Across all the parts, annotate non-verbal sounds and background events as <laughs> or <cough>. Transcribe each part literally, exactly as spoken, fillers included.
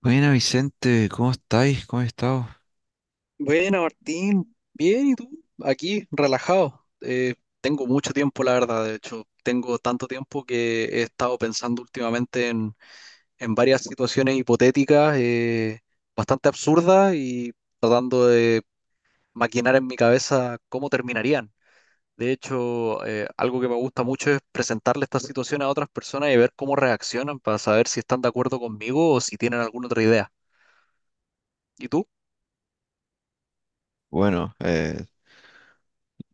Buena Vicente, ¿cómo estáis? ¿Cómo has estado? Buena, Martín. Bien, ¿y tú? Aquí, relajado. Eh, tengo mucho tiempo, la verdad. De hecho, tengo tanto tiempo que he estado pensando últimamente en, en varias situaciones hipotéticas, eh, bastante absurdas y tratando de maquinar en mi cabeza cómo terminarían. De hecho, eh, algo que me gusta mucho es presentarle estas situaciones a otras personas y ver cómo reaccionan para saber si están de acuerdo conmigo o si tienen alguna otra idea. ¿Y tú? Bueno, eh,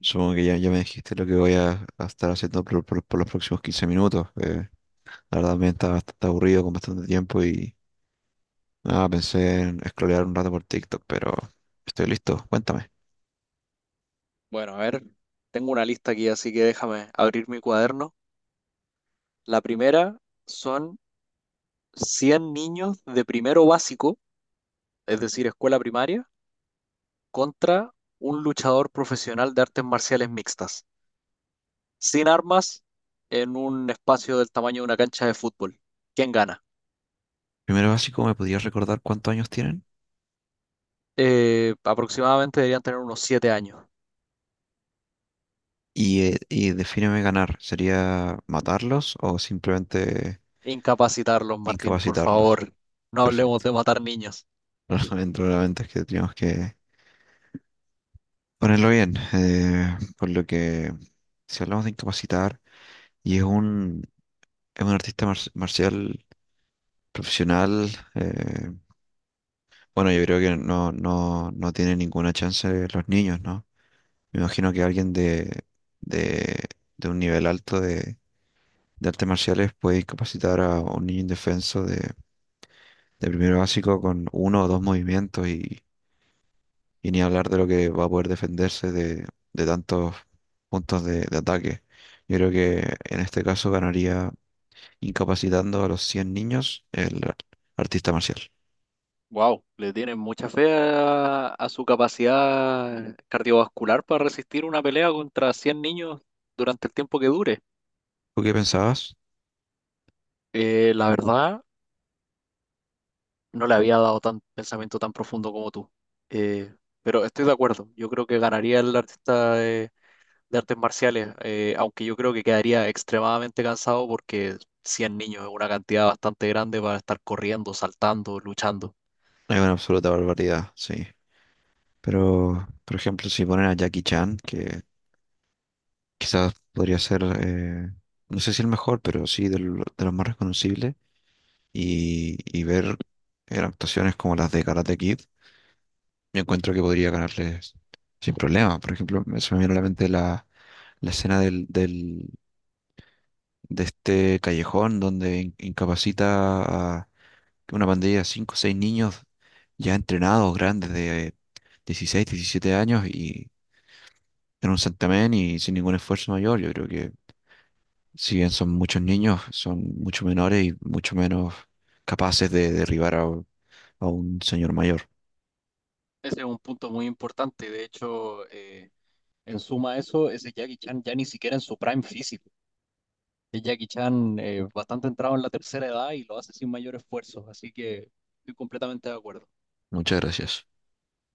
supongo que ya, ya me dijiste lo que voy a, a estar haciendo por, por- por los próximos quince minutos. Eh, la verdad me está bastante aburrido con bastante tiempo y nada, pensé en scrollear un rato por TikTok, pero estoy listo. Cuéntame. Bueno, a ver, tengo una lista aquí, así que déjame abrir mi cuaderno. La primera son cien niños de primero básico, es decir, escuela primaria, contra un luchador profesional de artes marciales mixtas, sin armas, en un espacio del tamaño de una cancha de fútbol. ¿Quién gana? Primero básico, ¿me podías recordar cuántos años tienen? Eh, aproximadamente deberían tener unos siete años. Y, eh, y defíneme ganar. ¿Sería matarlos o simplemente Incapacitarlos, Martín, por incapacitarlos? favor. No hablemos Perfecto. de matar niños. <laughs> Dentro de la mente es que teníamos que, ponerlo bien, eh, por lo que si hablamos de incapacitar, y es un, es un artista mar- marcial profesional, eh, bueno, yo creo que no, no, no tiene ninguna chance los niños, ¿no? Me imagino que alguien de, de, de un nivel alto de, de artes marciales puede incapacitar a un niño indefenso de, de primero básico con uno o dos movimientos. Y ni hablar de lo que va a poder defenderse de, de tantos puntos de, de ataque. Yo creo que en este caso ganaría incapacitando a los cien niños el ar- artista marcial. Wow, le tienen mucha fe a, a su capacidad cardiovascular para resistir una pelea contra cien niños durante el tiempo que dure. ¿Tú qué pensabas? Eh, la verdad, no le había dado tan pensamiento tan profundo como tú. Eh, pero estoy de acuerdo, yo creo que ganaría el artista de, de artes marciales, eh, aunque yo creo que quedaría extremadamente cansado porque cien niños es una cantidad bastante grande para estar corriendo, saltando, luchando. Es una absoluta barbaridad, sí. Pero, por ejemplo, si ponen a Jackie Chan, que quizás podría ser, eh, no sé si el mejor, pero sí del- de, los más reconocibles, y, y ver eh, actuaciones como las de Karate Kid. Yo encuentro que podría ganarles sin problema. Por ejemplo, me- se me viene a la mente la, la escena del, del, de este callejón donde in- incapacita a una pandilla de cinco o seis niños ya entrenados, grandes, de dieciséis diecisiete años y en un santamén y sin ningún esfuerzo mayor. Yo creo que si bien son muchos niños, son mucho menores y mucho menos capaces de derribar a, un- a un señor mayor. Ese es un punto muy importante. De hecho, eh, En suma a eso, ese Jackie Chan ya ni siquiera en su prime físico. Es Jackie Chan eh, bastante entrado en la tercera edad y lo hace sin mayor esfuerzo, así que estoy completamente de acuerdo. Muchas gracias.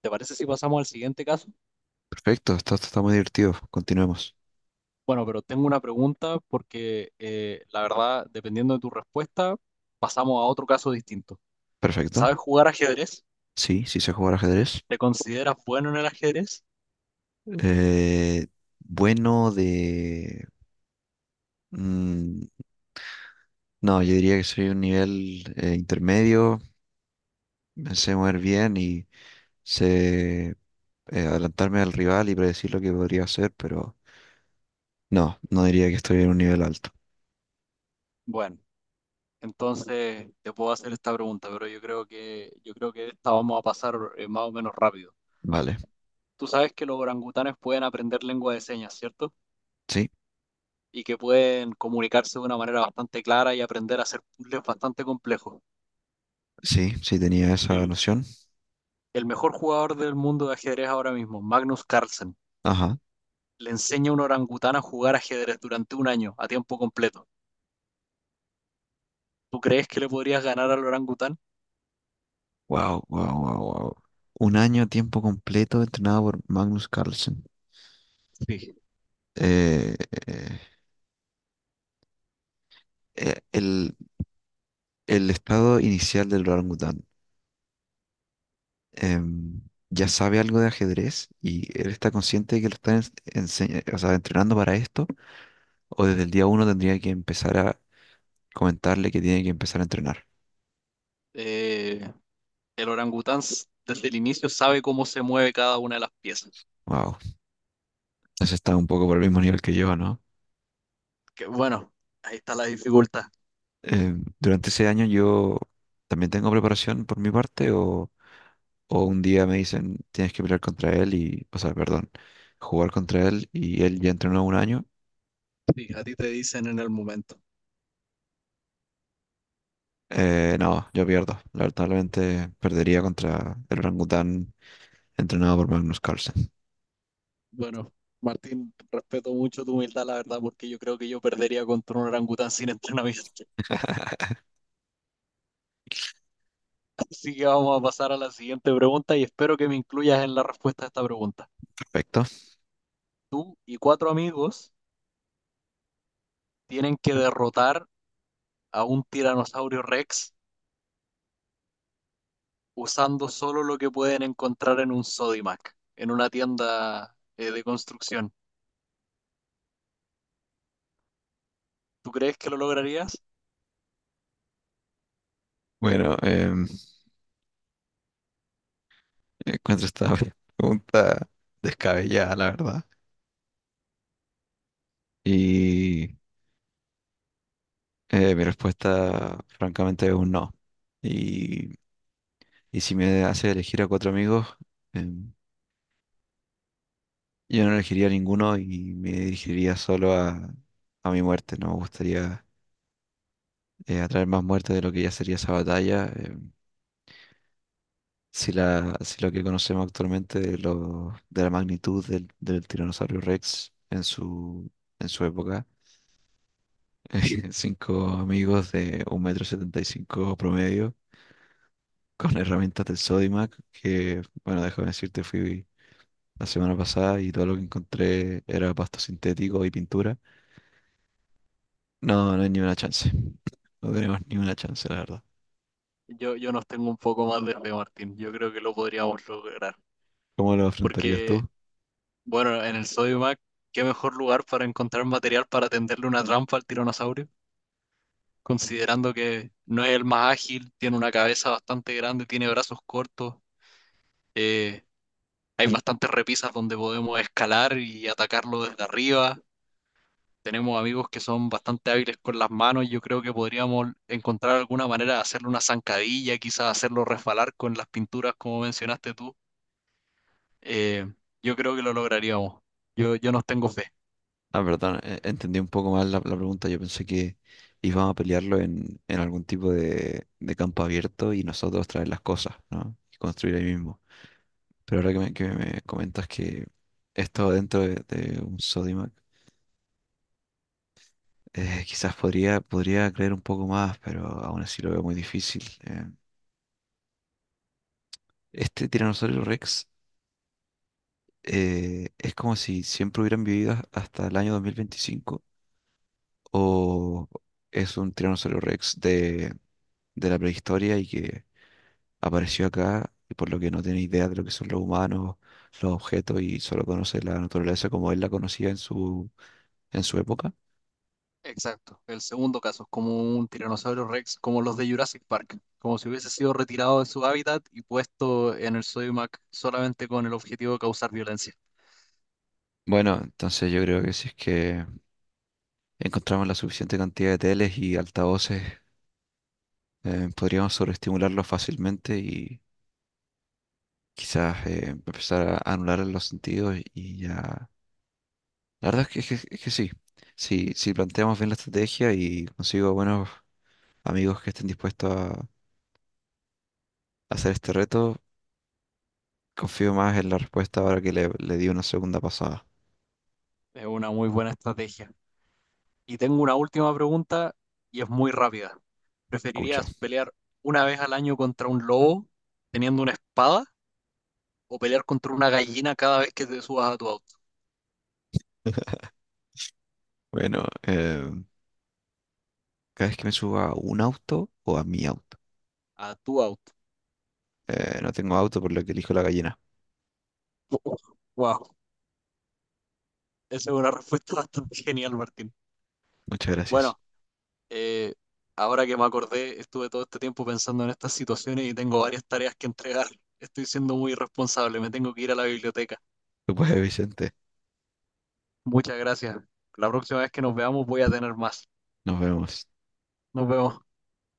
¿Te parece si pasamos al siguiente caso? Perfecto, está, está muy divertido. Continuemos. Bueno, pero tengo una pregunta porque eh, la verdad, dependiendo de tu respuesta, pasamos a otro caso distinto. Perfecto. ¿Sabes jugar ajedrez? Sí, sí sé jugar ajedrez. ¿Te consideras bueno en el ajedrez? Eh, bueno de... mm, no, yo diría que soy un nivel eh, intermedio, me sé mover bien y sé eh, adelantarme al rival y predecir lo que podría hacer, pero no, no diría que estoy en un nivel alto. Bueno, entonces te puedo hacer esta pregunta, pero yo creo que yo creo que esta vamos a pasar eh, más o menos rápido. Vale, Tú sabes que los orangutanes pueden aprender lengua de señas, ¿cierto? sí, Y que pueden comunicarse de una manera bastante clara y aprender a hacer puzzles bastante complejos. sí, sí tenía esa El, noción. el mejor jugador del mundo de ajedrez ahora mismo, Magnus Carlsen, Ajá. le enseña a un orangután a jugar ajedrez durante un año a tiempo completo. ¿Tú crees que le podrías ganar al orangután? Wow, wow, wow, wow. Un año a tiempo completo entrenado por Magnus Carlsen. Sí. Eh, eh, eh, el, El estado inicial del orangután. em, ya sabe algo de ajedrez y él está consciente de que lo están ens- enseña- o sea, entrenando para esto, o desde el día uno tendría que empezar a comentarle que tiene que empezar a entrenar. Eh, el orangután s- desde el inicio sabe cómo se mueve cada una de las piezas. Wow, eso está un poco por el mismo nivel que yo, ¿no? Que bueno, ahí está la dificultad. Em, durante ese año yo también tengo preparación por mi parte, o, o un día me dicen tienes que pelear contra él y, o sea, perdón, jugar contra él y él ya entrenó un año. Sí, a ti te dicen en el momento. Eh, no, yo pierdo. Lamentablemente perdería contra el orangután entrenado por Magnus Carlsen. Bueno, Martín, respeto mucho tu humildad, la verdad, porque yo creo que yo perdería contra un orangután sin entrenamiento. <laughs> Así que vamos a pasar a la siguiente pregunta y espero que me incluyas en la respuesta a esta pregunta. Perfecto. Y cuatro amigos tienen que derrotar a un tiranosaurio Rex usando solo lo que pueden encontrar en un Sodimac, en una tienda eh, de construcción. ¿Tú crees que lo lograrías? Bueno, em, encuentro esta <laughs> pregunta descabellada, la verdad. Y eh, mi respuesta, francamente, es un no. Y, y si me hace elegir a cuatro amigos, em, yo no elegiría a ninguno y me dirigiría solo a, a mi muerte. No me gustaría eh, atraer más muerte de lo que ya sería esa batalla. Em, si, la, si lo que conocemos actualmente de, lo- de la magnitud del, del tiranosaurio Rex en su, en su época, <laughs> cinco amigos de un metro setenta y cinco promedio con herramientas del Sodimac, que, bueno, déjame decirte, fui la semana pasada y todo lo que encontré era pasto sintético y pintura. No, no hay ni una chance. No tenemos ni una chance, la verdad. Yo, yo nos tengo un poco más de fe, Martín. Yo creo que lo podríamos lograr. ¿Cómo lo afrontarías Porque tú? Bueno, en el Sodimac, ¿qué mejor lugar para encontrar material para tenderle una trampa al tiranosaurio? Considerando que no es el más ágil, tiene una cabeza bastante grande, tiene brazos cortos, eh, hay bastantes repisas donde podemos escalar y atacarlo desde arriba. Tenemos amigos que son bastante hábiles con las manos, yo creo que podríamos encontrar alguna manera de hacerle una zancadilla, quizás hacerlo resbalar con las pinturas como mencionaste tú. Eh, yo creo que lo lograríamos. Yo, yo nos tengo fe. Ah, perdón, e- entendí un poco mal la, la pregunta. Yo pensé que íbamos a pelearlo en, en algún tipo de, de campo abierto y nosotros traer las cosas, ¿no? Y construir ahí mismo. Pero ahora que me, que me comentas que esto dentro de, de un Sodimac, eh, quizás podría, podría creer un poco más, pero aún así lo veo muy difícil. Eh, este Tiranosaurio Rex eh, es como si siempre hubieran vivido hasta el año dos mil veinticinco o es un Tiranosaurio Rex de, de la prehistoria y que apareció acá y por lo que no tiene idea de lo que son los humanos, los objetos y solo conoce la naturaleza como él la conocía en su, en su época. Exacto, el segundo caso, como un tiranosaurio rex, como los de Jurassic Park, como si hubiese sido retirado de su hábitat y puesto en el Sodimac solamente con el objetivo de causar violencia. Bueno, entonces yo creo que si es que encontramos la suficiente cantidad de teles y altavoces, eh, podríamos sobreestimularlos fácilmente y quizás eh, empezar a anular los sentidos y ya... La verdad es que, es que, es que sí, si, si planteamos bien la estrategia y consigo buenos amigos que estén dispuestos a hacer este reto, confío más en la respuesta ahora que le, le di una segunda pasada. Es una muy buena estrategia. Y tengo una última pregunta y es muy rápida. Escucho. ¿Preferirías pelear una vez al año contra un lobo teniendo una espada o pelear contra una gallina cada vez que te subas a tu auto? <laughs> Bueno, eh, cada vez que me suba a un auto o a mi auto. A tu auto. Eh, no tengo auto por lo que elijo la gallina. Wow, esa es una respuesta <laughs> bastante genial, Martín. Muchas gracias. Bueno, Eh, ahora que me acordé, estuve todo este tiempo pensando en estas situaciones y tengo varias tareas que entregar. Estoy siendo muy irresponsable, me tengo que ir a la biblioteca. Tú puedes, Vicente. Muchas gracias. La próxima vez que nos veamos voy a tener más. Nos vemos. Nos vemos.